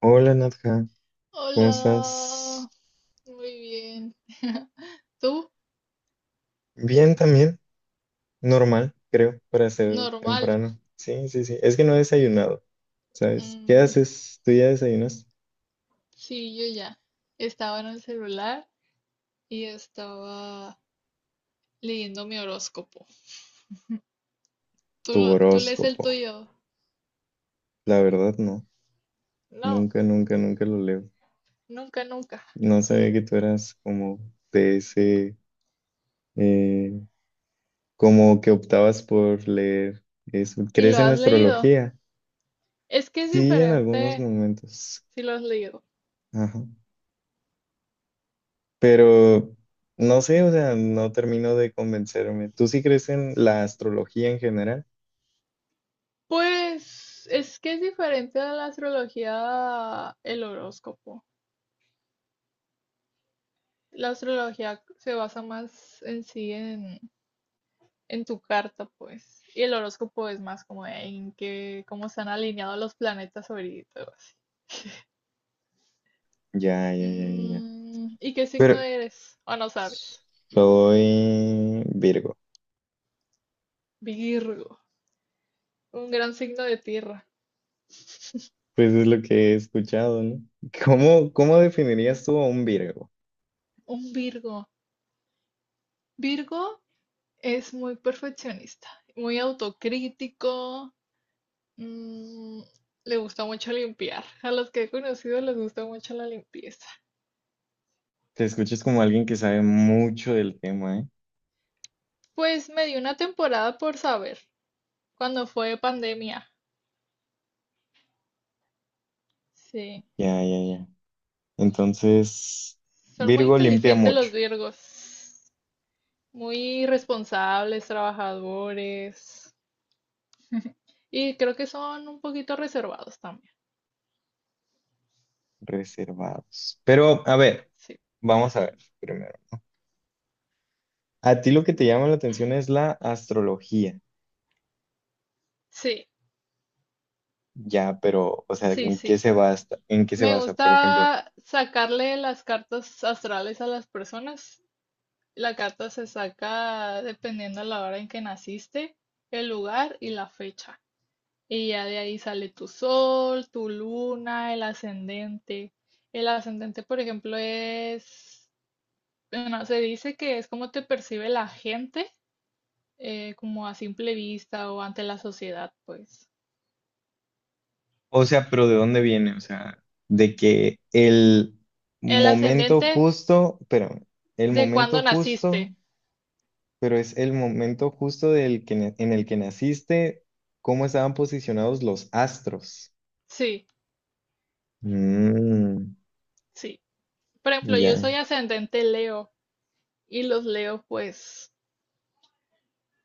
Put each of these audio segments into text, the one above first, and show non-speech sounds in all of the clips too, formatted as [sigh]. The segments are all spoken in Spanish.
Hola Nadja, ¿cómo Hola, estás? muy bien. [laughs] ¿Tú? Bien también, normal, creo, para ser Normal. temprano. Sí, sí, sí. Es que no he desayunado, ¿sabes? ¿Qué Mm, haces? ¿Tú ya desayunas? sí, yo ya. Estaba en el celular y estaba leyendo mi horóscopo. ¿Tú, Tu tú lees el horóscopo. tuyo? La verdad, no. No, Nunca, nunca, nunca lo leo. nunca, nunca. No sabía que tú eras como de ese, eh, como que optabas por leer eso. ¿Y ¿Crees lo en has la leído? astrología? Es que es Sí, en algunos diferente momentos. si lo has leído. Ajá. Pero no sé, o sea, no termino de convencerme. ¿Tú sí crees en la astrología en general? Pues es que es diferente a la astrología el horóscopo. La astrología se basa más en sí en tu carta, pues. Y el horóscopo es más como de en qué cómo están alineados los planetas ahorita o así. Ya, ya, ya, ya, ya. Mm, ¿y qué Pero signo eres? O no sabes. soy Virgo. Virgo, un gran signo de tierra. Pues es lo que he escuchado, ¿no? ¿Cómo, cómo definirías tú a un Virgo? Un Virgo. Virgo es muy perfeccionista, muy autocrítico. mm, Le gusta mucho limpiar. A los que he conocido les gusta mucho la limpieza. Te escuchas como alguien que sabe mucho del tema, ¿eh? Pues me dio una temporada por saber, cuando fue pandemia. Sí. Ya, ya, ya. Entonces, Son muy Virgo limpia inteligentes mucho, los Virgos, muy responsables, trabajadores y creo que son un poquito reservados también. reservados. Pero, a ver, Sí, vamos a ver primero. A ti lo que te llama la atención es la astrología. sí, Ya, pero, o sea, sí, ¿en qué sí. se basa? ¿En qué se Me basa, por ejemplo? gusta sacarle las cartas astrales a las personas. La carta se saca dependiendo de la hora en que naciste, el lugar y la fecha. Y ya de ahí sale tu sol, tu luna, el ascendente. El ascendente, por ejemplo, es. Bueno, se dice que es como te percibe la gente, como a simple vista o ante la sociedad, pues. O sea, pero ¿de dónde viene? O sea, de que el El momento ascendente justo, pero el de momento cuando naciste. justo, pero es el momento justo del que, en el que naciste, ¿cómo estaban posicionados los astros? Sí, Mm, sí. Por ejemplo, ya. yo soy ascendente Leo y los Leo, pues,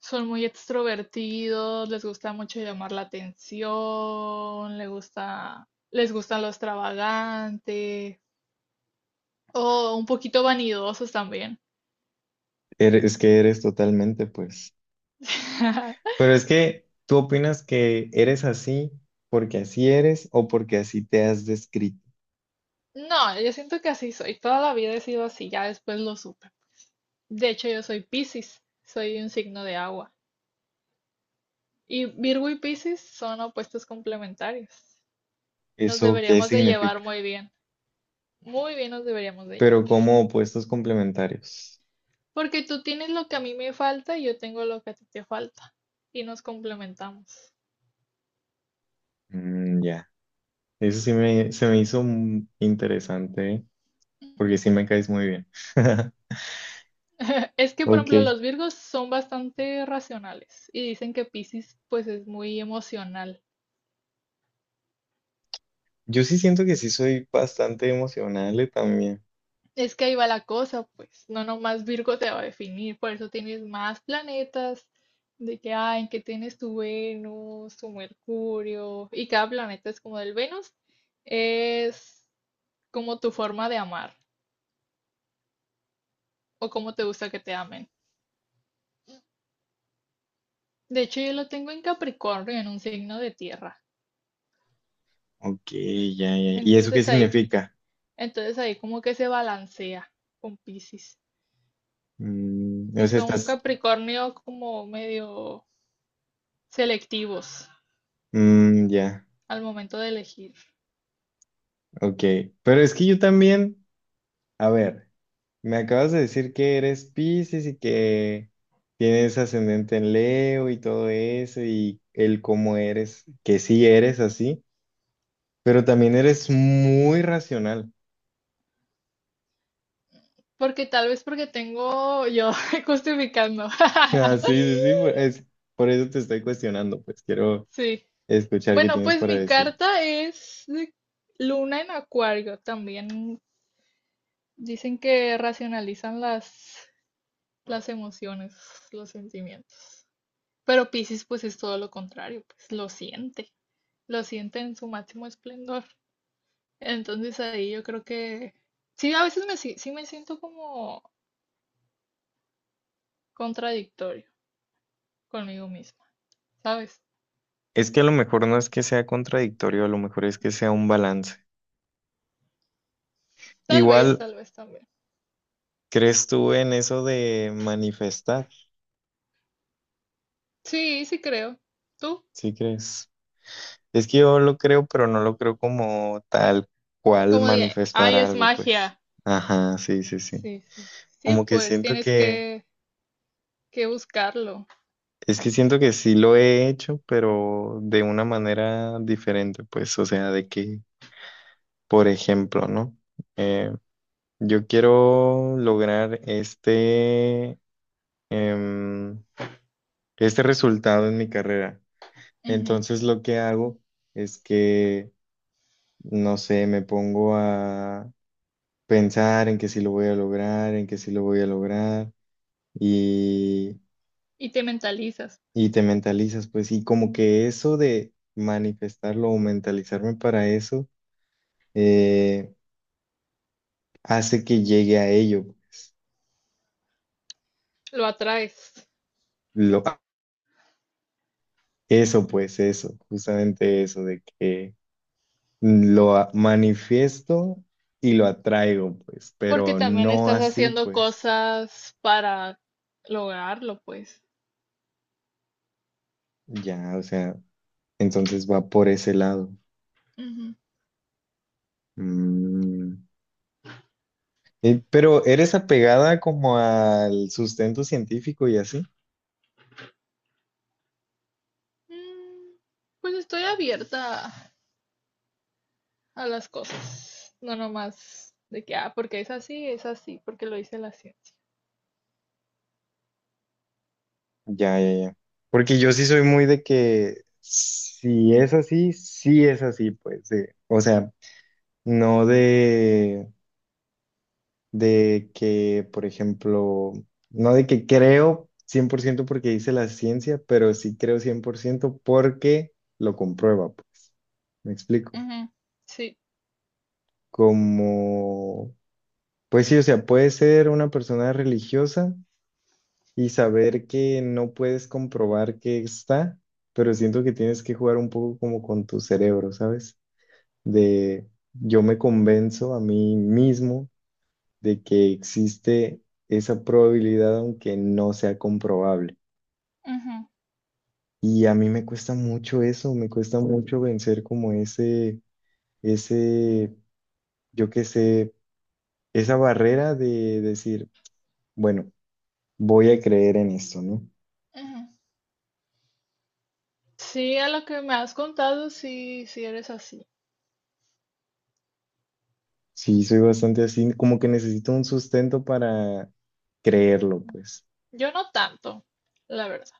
son muy extrovertidos, les gusta mucho llamar la atención, les gusta lo extravagante o un poquito vanidosos también. Es que eres totalmente, pues. [laughs] Pero es que, ¿tú opinas que eres así porque así eres o porque así te has descrito? No, yo siento que así soy. Toda la vida he sido así, ya después lo supe. De hecho, yo soy Piscis, soy un signo de agua. Y Virgo y Piscis son opuestos complementarios. Nos ¿Eso qué deberíamos de llevar significa? muy bien. Muy bien nos deberíamos de llevar. Pero como opuestos complementarios. Porque tú tienes lo que a mí me falta y yo tengo lo que a ti te falta. Y nos complementamos. Mm, ya. Eso sí me, se me hizo interesante, ¿eh? Porque sí [laughs] me caes muy bien. [laughs] Es que, por Ok. ejemplo, los Virgos son bastante racionales y dicen que Piscis pues es muy emocional. Yo sí siento que sí soy bastante emocional también. Es que ahí va la cosa, pues, no nomás Virgo te va a definir, por eso tienes más planetas, de que, ah, en que tienes tu Venus, tu Mercurio, y cada planeta es como del Venus, es como tu forma de amar, o como te gusta que te amen. De hecho, yo lo tengo en Capricornio, en un signo de tierra, Ok, ya, ya. ¿Y eso qué entonces ahí, significa? entonces ahí como que se balancea con Piscis. Mm, o Si sea, son estás... Capricornio como medio selectivos Mm, ya, al momento de elegir. ok. Pero es que yo también... A ver. Me acabas de decir que eres Piscis y que tienes ascendente en Leo y todo eso y el cómo eres, que sí eres así, pero también eres muy racional. [laughs] Porque tal vez porque tengo yo [laughs] justificando. Ah, sí, [laughs] sí, sí, por eso te estoy cuestionando, pues quiero Sí. escuchar qué Bueno, tienes pues para mi decir. carta es de Luna en Acuario. También dicen que racionalizan las emociones, los sentimientos. Pero Piscis pues es todo lo contrario, pues lo siente en su máximo esplendor. Entonces ahí yo creo que sí, a veces me, sí me siento como contradictorio conmigo misma, ¿sabes? Es que a lo mejor no es que sea contradictorio, a lo mejor es que sea un balance. Igual, Tal vez también. ¿crees tú en eso de manifestar? Sí, sí creo. ¿Tú? ¿Sí crees? Es que yo lo creo, pero no lo creo como tal cual Como dije, manifestar ay, es algo, pues. magia. Ajá, sí, sí, sí. Sí, sí. Sí, Como que siento que, que buscarlo es que también. siento que sí lo he hecho, pero de una manera diferente, pues. O sea, de que, por ejemplo, ¿no? Eh, yo quiero lograr em, este resultado en mi carrera. Ujú. Entonces lo que hago es que, no sé, me pongo pensar en que sí lo voy a lograr, en que sí lo voy a lograr y, Y te mentalizas, y te mentalizas, pues, y como que eso de manifestarlo o mentalizarme para eso eh, hace que llegue a ello. lo atraes. Lo, eso, pues, eso, justamente eso de que manifiesto y lo atraigo, pues, Porque pero también no estás así, haciendo pues, cosas para lograrlo, pues. ya, o sea, entonces va por ese lado. Ujú. Mm. Pero eres apegada como al sustento científico y así. Mm, Pues estoy abierta a las cosas. No nomás de que, ah, porque es así, porque lo dice la ciencia. Ya, ya, ya. Porque yo sí soy muy de que si es así, sí es así, pues. O sea, no de, de que, por ejemplo, no de que creo 100% porque dice la ciencia, pero sí creo 100% porque lo comprueba, pues. Me explico. Ujú. Sí. Como, pues sí, o sea, puede ser una persona religiosa y saber que no puedes comprobar que está, pero siento que tienes que jugar un poco como con tu cerebro, ¿sabes? De yo me convenzo a mí mismo de que existe esa probabilidad aunque no sea comprobable. Ujú, Y a mí me cuesta mucho eso, me cuesta mucho vencer como ese, yo qué sé, esa barrera de decir, bueno, voy a creer en esto, ¿no? ujú. Sí, a lo que me has contado, sí, sí eres así. Sí, soy bastante así, como que necesito un sustento para creerlo, Mm. pues. Yo no tanto, la verdad.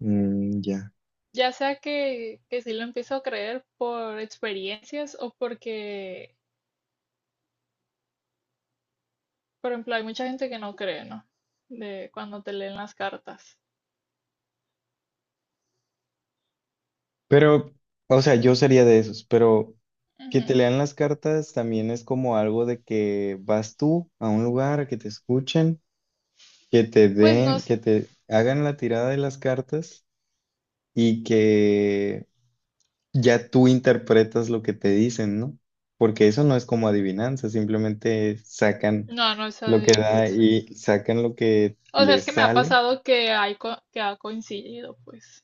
Mm, ya. Ya sea que sí lo empiezo a creer por experiencias o porque, por ejemplo, hay mucha gente que no cree, ¿no? De cuando te leen las cartas. Pero, o sea, yo sería de esos, pero que te Ujú. lean las cartas también es como algo de que vas tú a un lugar, a que te escuchen, que te Pues no den, es, que te hagan la tirada de las cartas y que ya tú interpretas lo que te dicen, ¿no? Porque eso no es como adivinanza, simplemente sacan no, no es lo que da adivinanza. y sacan lo que O sea, es les que me ha sale. pasado que que ha coincidido, pues.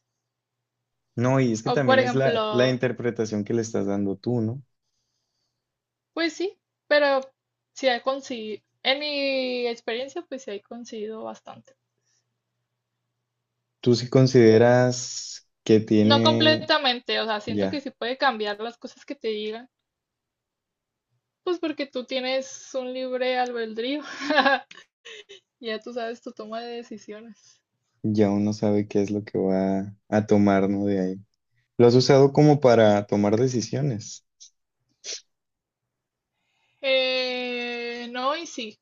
No, y es que O también por es la, la ejemplo, interpretación que le estás dando tú, ¿no? pues sí, pero sí ha coincidido. En mi experiencia, pues sí ha coincidido bastante. Tú si Sí, consideras que no tiene, completamente, o sea, siento que ya, sí puede cambiar las cosas que te digan, pues porque tú tienes un libre albedrío, [laughs] ya tú sabes tu toma de decisiones. ya uno sabe qué es lo que va a tomar, ¿no? De ahí. Lo has usado como para tomar decisiones. No, y sí,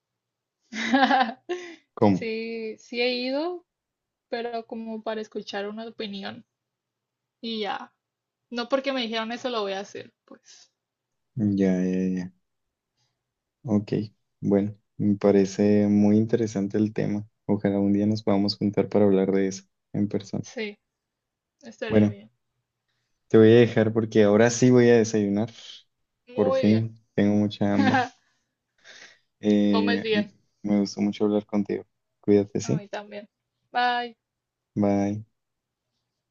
[laughs] ¿Cómo? sí, sí he ido, pero como para escuchar una opinión y ya, no porque me dijeron eso lo voy a hacer, pues Ya, ya, ya. Ok, bueno, me parece muy interesante el tema. Ojalá un día nos podamos juntar para hablar de eso en persona. sí, estaría Bueno, bien, te voy a dejar porque ahora sí voy a desayunar. Por muy bien, fin, tengo mucha hambre. [laughs] comes Eh, m- bien, Me gustó mucho hablar contigo. Cuídate, a ¿sí? mí también, bye. Bye.